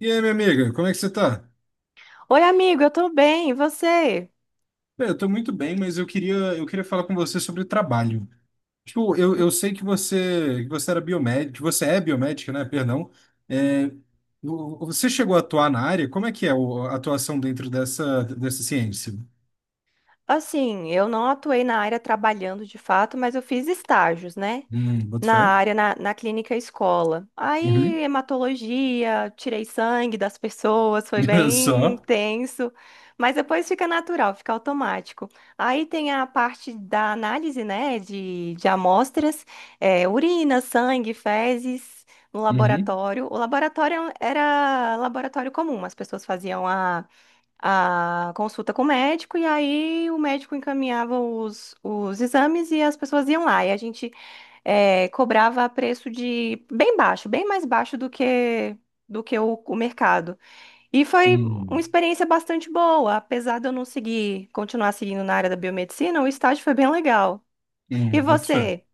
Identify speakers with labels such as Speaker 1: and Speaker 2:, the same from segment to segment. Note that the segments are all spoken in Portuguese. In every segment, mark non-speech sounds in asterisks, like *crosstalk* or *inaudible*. Speaker 1: E aí, minha amiga, como é que você tá?
Speaker 2: Oi, amigo, eu tô bem, e você?
Speaker 1: Bem, eu tô muito bem, mas eu queria falar com você sobre trabalho. Tipo, eu sei que que você era biomédico, que você é biomédica, né? Perdão. É, Você chegou a atuar na área? Como é que é a atuação dentro dessa, dessa ciência?
Speaker 2: Assim, eu não atuei na área trabalhando de fato, mas eu fiz estágios, né?
Speaker 1: Boto
Speaker 2: Na
Speaker 1: fé.
Speaker 2: área, na clínica escola. Aí,
Speaker 1: Uhum.
Speaker 2: hematologia, tirei sangue das pessoas, foi
Speaker 1: *laughs*
Speaker 2: bem
Speaker 1: Só.
Speaker 2: tenso, mas depois fica natural, fica automático. Aí tem a parte da análise, né, de amostras, urina, sangue, fezes. No
Speaker 1: Uhum.
Speaker 2: laboratório. O laboratório era laboratório comum, as pessoas faziam a consulta com o médico, e aí o médico encaminhava os exames e as pessoas iam lá. E a gente cobrava a preço de bem baixo, bem mais baixo do que o mercado. E foi uma
Speaker 1: Hum,
Speaker 2: experiência bastante boa, apesar de eu não seguir, continuar seguindo na área da biomedicina, o estágio foi bem legal. E
Speaker 1: hum, boto fé.
Speaker 2: você?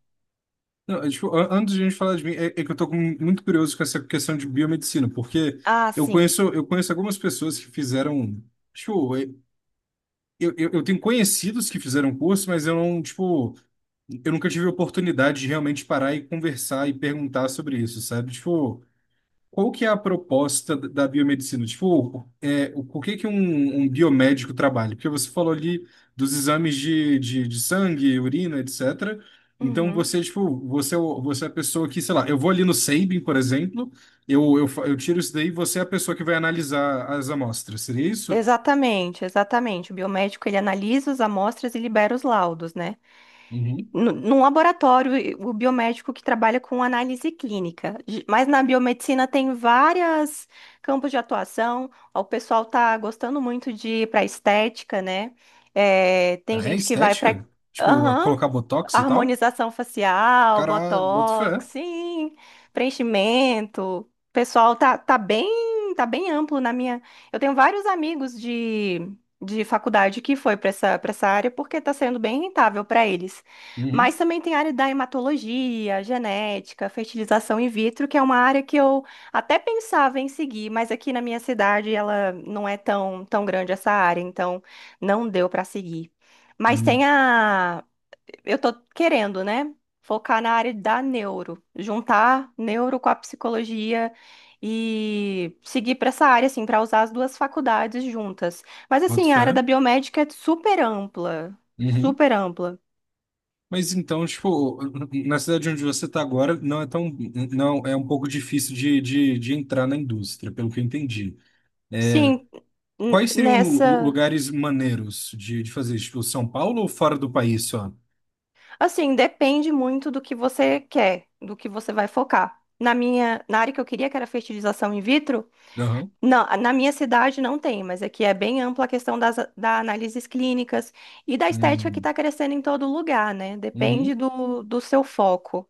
Speaker 1: Não, é, tipo, antes de a gente falar de mim, é, é que eu tô muito curioso com essa questão de biomedicina, porque
Speaker 2: Ah,
Speaker 1: eu
Speaker 2: sim.
Speaker 1: conheço, eu conheço algumas pessoas que fizeram. Show. Eu tenho conhecidos que fizeram curso, mas eu não, tipo, eu nunca tive a oportunidade de realmente parar e conversar e perguntar sobre isso, sabe? Tipo, qual que é a proposta da biomedicina? Tipo, é, o por que que um biomédico trabalha? Porque você falou ali dos exames de sangue, urina, etc. Então
Speaker 2: Uhum.
Speaker 1: você, tipo, você, é você é a pessoa que, sei lá, eu vou ali no Sabin, por exemplo, eu tiro isso daí e você é a pessoa que vai analisar as amostras, seria isso?
Speaker 2: Exatamente, exatamente. O biomédico ele analisa as amostras e libera os laudos, né? Num laboratório, o biomédico que trabalha com análise clínica. Mas na biomedicina tem várias campos de atuação. O pessoal tá gostando muito de ir para estética, né? É, tem
Speaker 1: É
Speaker 2: gente que vai para
Speaker 1: estética? Tipo, colocar botox e tal?
Speaker 2: harmonização facial,
Speaker 1: Caralho, boto fé.
Speaker 2: botox, sim, preenchimento. O pessoal, tá bem amplo na minha. Eu tenho vários amigos de faculdade que foi para essa área porque tá sendo bem rentável para eles. Mas
Speaker 1: Uhum,
Speaker 2: também tem a área da hematologia, genética, fertilização in vitro, que é uma área que eu até pensava em seguir, mas aqui na minha cidade ela não é tão, tão grande essa área, então não deu para seguir. Mas
Speaker 1: uhum,
Speaker 2: tem a, eu tô querendo, né? Focar na área da neuro, juntar neuro com a psicologia e seguir para essa área, assim, para usar as duas faculdades juntas. Mas,
Speaker 1: boto
Speaker 2: assim, a área
Speaker 1: fé.
Speaker 2: da biomédica é super ampla,
Speaker 1: Uhum.
Speaker 2: super ampla.
Speaker 1: Mas então, tipo, na cidade onde você está agora, não é tão, não, é um pouco difícil de entrar na indústria, pelo que eu entendi.
Speaker 2: Sim,
Speaker 1: Quais seriam
Speaker 2: nessa.
Speaker 1: lugares maneiros de fazer? Tipo, São Paulo ou fora do país só?
Speaker 2: Assim, depende muito do que você quer, do que você vai focar. Na minha, na área que eu queria, que era fertilização in vitro.
Speaker 1: Aham.
Speaker 2: Não, na minha cidade não tem, mas aqui é bem ampla a questão das da análises clínicas e da estética que
Speaker 1: Uhum.
Speaker 2: está crescendo em todo lugar, né? Depende
Speaker 1: Uhum.
Speaker 2: do, do seu foco.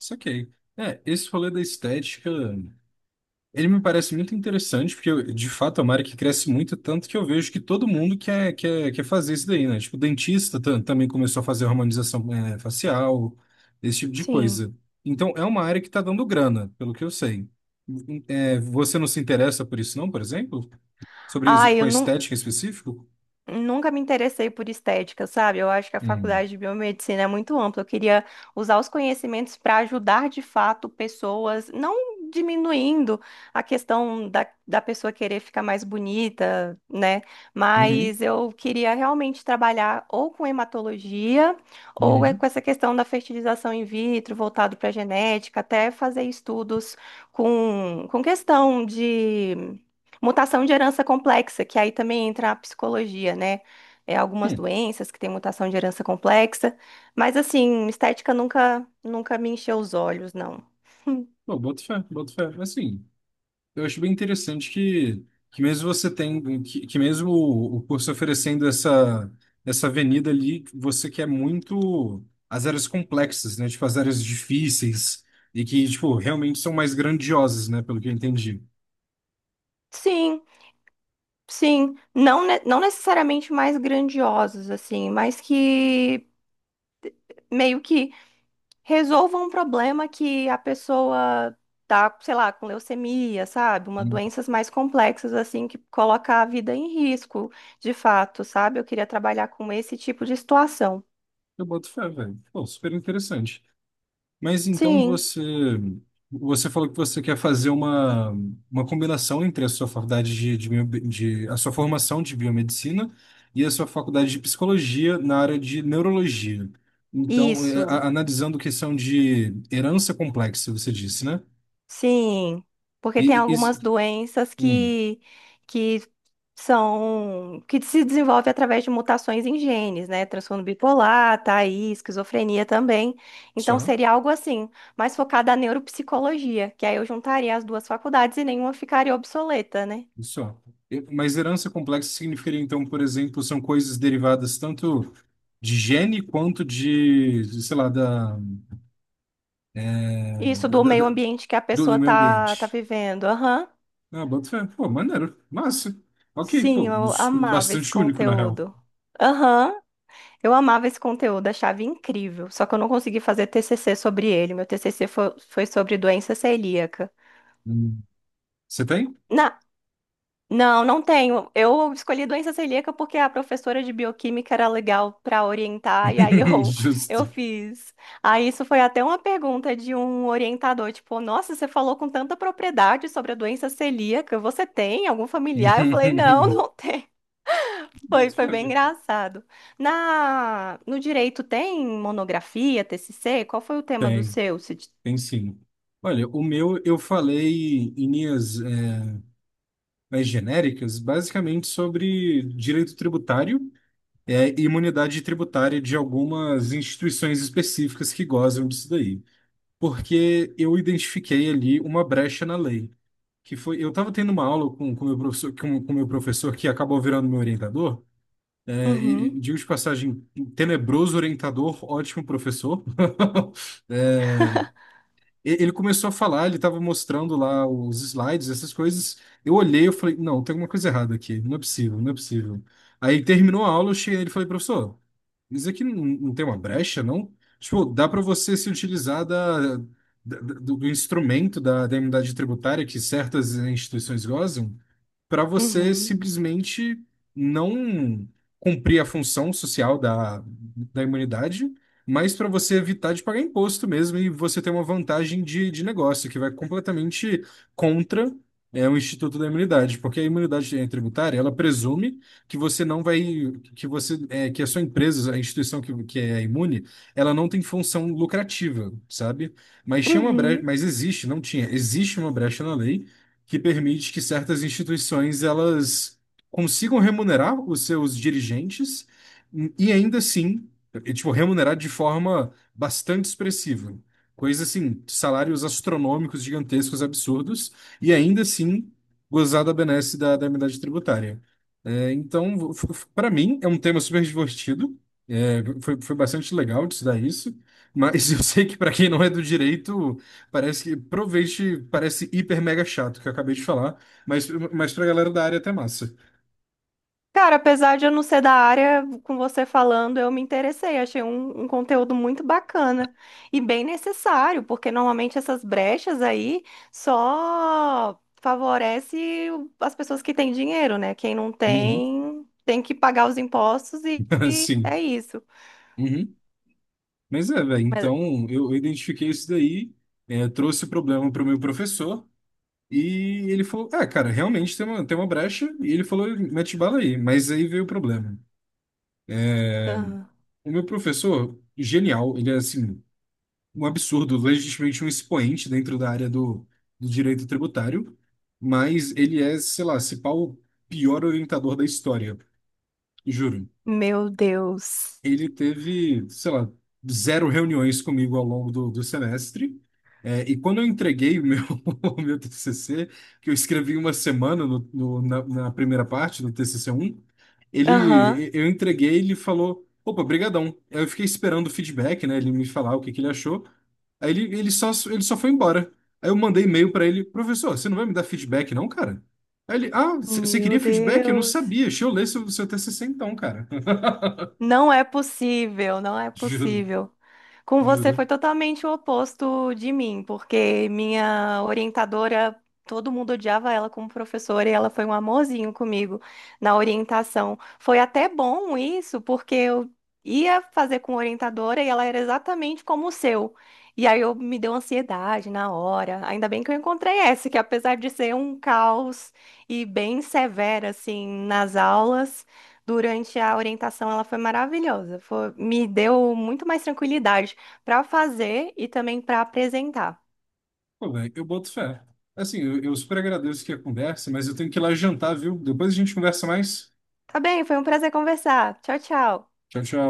Speaker 1: Saquei. É, esse rolê da estética. Ele me parece muito interessante, porque de fato é uma área que cresce muito, tanto que eu vejo que todo mundo quer fazer isso daí, né? Tipo, o dentista também começou a fazer harmonização facial, esse tipo de
Speaker 2: Sim.
Speaker 1: coisa. Então, é uma área que está dando grana, pelo que eu sei. Você não se interessa por isso, não, por exemplo? Sobre isso,
Speaker 2: Ah,
Speaker 1: com
Speaker 2: eu
Speaker 1: a
Speaker 2: não,
Speaker 1: estética em específico?
Speaker 2: Nunca me interessei por estética, sabe? Eu acho que a
Speaker 1: Hum.
Speaker 2: faculdade de biomedicina é muito ampla. Eu queria usar os conhecimentos para ajudar de fato pessoas, não diminuindo a questão da, da pessoa querer ficar mais bonita, né?
Speaker 1: Uhum.
Speaker 2: Mas eu queria realmente trabalhar ou com hematologia ou é com
Speaker 1: Uhum.
Speaker 2: essa questão da fertilização in vitro, voltado para genética, até fazer estudos com questão de. Mutação de herança complexa, que aí também entra a psicologia, né? É, algumas
Speaker 1: Hum.
Speaker 2: doenças que têm mutação de herança complexa, mas assim, estética nunca, nunca me encheu os olhos, não. *laughs*
Speaker 1: Pô, boto fé. Assim. Eu acho bem interessante que mesmo você tem, que mesmo o curso oferecendo essa, essa avenida ali, você quer muito as áreas complexas, né? Tipo, as áreas difíceis e que, tipo, realmente são mais grandiosas, né? Pelo que eu entendi.
Speaker 2: Sim, sim, não, não necessariamente mais grandiosos, assim, mas que meio que resolva um problema que a pessoa tá, sei lá, com leucemia, sabe? Uma
Speaker 1: Hum.
Speaker 2: doenças mais complexas assim que coloca a vida em risco, de fato, sabe? Eu queria trabalhar com esse tipo de situação.
Speaker 1: Eu boto fé, velho. Pô, super interessante. Mas então
Speaker 2: Sim,
Speaker 1: você, você falou que você quer fazer uma combinação entre a sua faculdade a sua formação de biomedicina e a sua faculdade de psicologia na área de neurologia. Então, é,
Speaker 2: isso.
Speaker 1: analisando questão de herança complexa, você disse, né?
Speaker 2: Sim, porque
Speaker 1: E,
Speaker 2: tem
Speaker 1: e, e-
Speaker 2: algumas doenças
Speaker 1: hum,
Speaker 2: que são que se desenvolve através de mutações em genes, né? Transtorno bipolar, tá aí, esquizofrenia também. Então
Speaker 1: só,
Speaker 2: seria algo assim, mais focado na neuropsicologia, que aí eu juntaria as duas faculdades e nenhuma ficaria obsoleta, né?
Speaker 1: só. Mas herança complexa significaria, então, por exemplo, são coisas derivadas tanto de gene quanto de, sei lá,
Speaker 2: Isso,
Speaker 1: da,
Speaker 2: do
Speaker 1: da-
Speaker 2: meio
Speaker 1: da-
Speaker 2: ambiente que a
Speaker 1: do do
Speaker 2: pessoa
Speaker 1: meio
Speaker 2: tá, tá
Speaker 1: ambiente.
Speaker 2: vivendo. Aham.
Speaker 1: Ah, boto fé. Pô, maneiro. Massa. Ok,
Speaker 2: Sim,
Speaker 1: pô,
Speaker 2: eu
Speaker 1: mas
Speaker 2: amava esse
Speaker 1: bastante único, na real.
Speaker 2: conteúdo. Aham. Eu amava esse conteúdo, achava incrível, só que eu não consegui fazer TCC sobre ele. Meu TCC foi, foi sobre doença celíaca.
Speaker 1: Hum. Você tem?
Speaker 2: Na- não, não tenho. Eu escolhi doença celíaca porque a professora de bioquímica era legal para orientar, e aí *laughs*
Speaker 1: *laughs*
Speaker 2: eu
Speaker 1: Justo.
Speaker 2: fiz. Aí isso foi até uma pergunta de um orientador, tipo, nossa, você falou com tanta propriedade sobre a doença celíaca, você tem algum familiar? Eu falei, não,
Speaker 1: *laughs*
Speaker 2: não. Foi,
Speaker 1: Boto
Speaker 2: foi bem
Speaker 1: fé.
Speaker 2: engraçado. Na, no direito tem monografia, TCC? Qual foi o tema do
Speaker 1: Tem,
Speaker 2: seu? Cid?
Speaker 1: tem sim. Olha, o meu eu falei em linhas mais genéricas, basicamente sobre direito tributário e imunidade tributária de algumas instituições específicas que gozam disso daí. Porque eu identifiquei ali uma brecha na lei. Que foi, eu estava tendo uma aula com meu professor, com meu professor que acabou virando meu orientador. É, e
Speaker 2: Uhum,
Speaker 1: digo de passagem, tenebroso orientador, ótimo professor. *laughs* É, ele começou a falar, ele estava mostrando lá os slides, essas coisas. Eu olhei, eu falei, não, tem alguma coisa errada aqui, não é possível, não é possível. Aí terminou a aula, eu cheguei nele e falei, professor, mas aqui não, não tem uma brecha, não? Tipo, dá para você se utilizar da, do instrumento da, da imunidade tributária que certas instituições gozam para você
Speaker 2: uhum,
Speaker 1: simplesmente não cumprir a função social da, da imunidade, mas para você evitar de pagar imposto mesmo e você ter uma vantagem de negócio que vai completamente contra o Instituto da Imunidade, porque a imunidade tributária, ela presume que você não vai, que você, é, que a sua empresa, a instituição que é imune, ela não tem função lucrativa, sabe? Mas tinha uma brecha,
Speaker 2: uhum.
Speaker 1: mas existe, não tinha, existe uma brecha na lei que permite que certas instituições elas consigam remunerar os seus dirigentes e ainda assim, e, tipo, remunerar de forma bastante expressiva. Coisa assim, salários astronômicos, gigantescos, absurdos, e ainda assim gozar da benesse da, da imunidade tributária. É, então, para mim, é um tema super divertido. É, foi, foi bastante legal de estudar isso. Mas *laughs* eu sei que para quem não é do direito, parece que provavelmente parece hiper mega chato que eu acabei de falar, mas pra galera da área é até massa.
Speaker 2: Cara, apesar de eu não ser da área, com você falando, eu me interessei. Achei um, um conteúdo muito bacana e bem necessário, porque normalmente essas brechas aí só favorece as pessoas que têm dinheiro, né? Quem não
Speaker 1: Uhum.
Speaker 2: tem, tem que pagar os impostos
Speaker 1: *laughs*
Speaker 2: e
Speaker 1: Sim.
Speaker 2: é isso.
Speaker 1: Uhum. Mas é, velho,
Speaker 2: Mas,
Speaker 1: então eu identifiquei isso daí, é, trouxe o problema pro meu professor e ele falou: Ah, cara, realmente tem uma brecha. E ele falou: Mete bala aí. Mas aí veio o problema.
Speaker 2: aham.
Speaker 1: O meu professor, genial, ele é assim. Um absurdo, legitimamente um expoente dentro da área do, do direito tributário, mas ele é, sei lá, se pá, o pior orientador da história, juro.
Speaker 2: Meu Deus.
Speaker 1: Ele teve, sei lá, zero reuniões comigo ao longo do, do semestre. É, e quando eu entreguei o meu, *laughs* o meu TCC, que eu escrevi em uma semana no, na, na primeira parte do TCC um
Speaker 2: Aham.
Speaker 1: ele, eu entreguei, ele falou, opa, brigadão. Aí eu fiquei esperando o feedback, né? Ele me falar o que que ele achou. Aí ele, ele só foi embora. Aí eu mandei e-mail pra ele, professor, você não vai me dar feedback não, cara? Aí ele, ah, você
Speaker 2: Meu
Speaker 1: queria feedback? Eu não
Speaker 2: Deus.
Speaker 1: sabia. Deixa eu ler seu, seu TCC então, cara. *laughs*
Speaker 2: Não é possível, não é
Speaker 1: Juro,
Speaker 2: possível. Com você
Speaker 1: Juro.
Speaker 2: foi totalmente o oposto de mim, porque minha orientadora, todo mundo odiava ela como professora e ela foi um amorzinho comigo na orientação. Foi até bom isso, porque eu ia fazer com orientadora e ela era exatamente como o seu. E aí eu me deu ansiedade na hora. Ainda bem que eu encontrei essa, que apesar de ser um caos e bem severa assim nas aulas, durante a orientação, ela foi maravilhosa. Me deu muito mais tranquilidade para fazer e também para apresentar.
Speaker 1: Pô, velho, eu boto fé. Assim, eu super agradeço aqui a conversa, mas eu tenho que ir lá jantar, viu? Depois a gente conversa mais.
Speaker 2: Tá bem, foi um prazer conversar. Tchau, tchau.
Speaker 1: Tchau, tchau.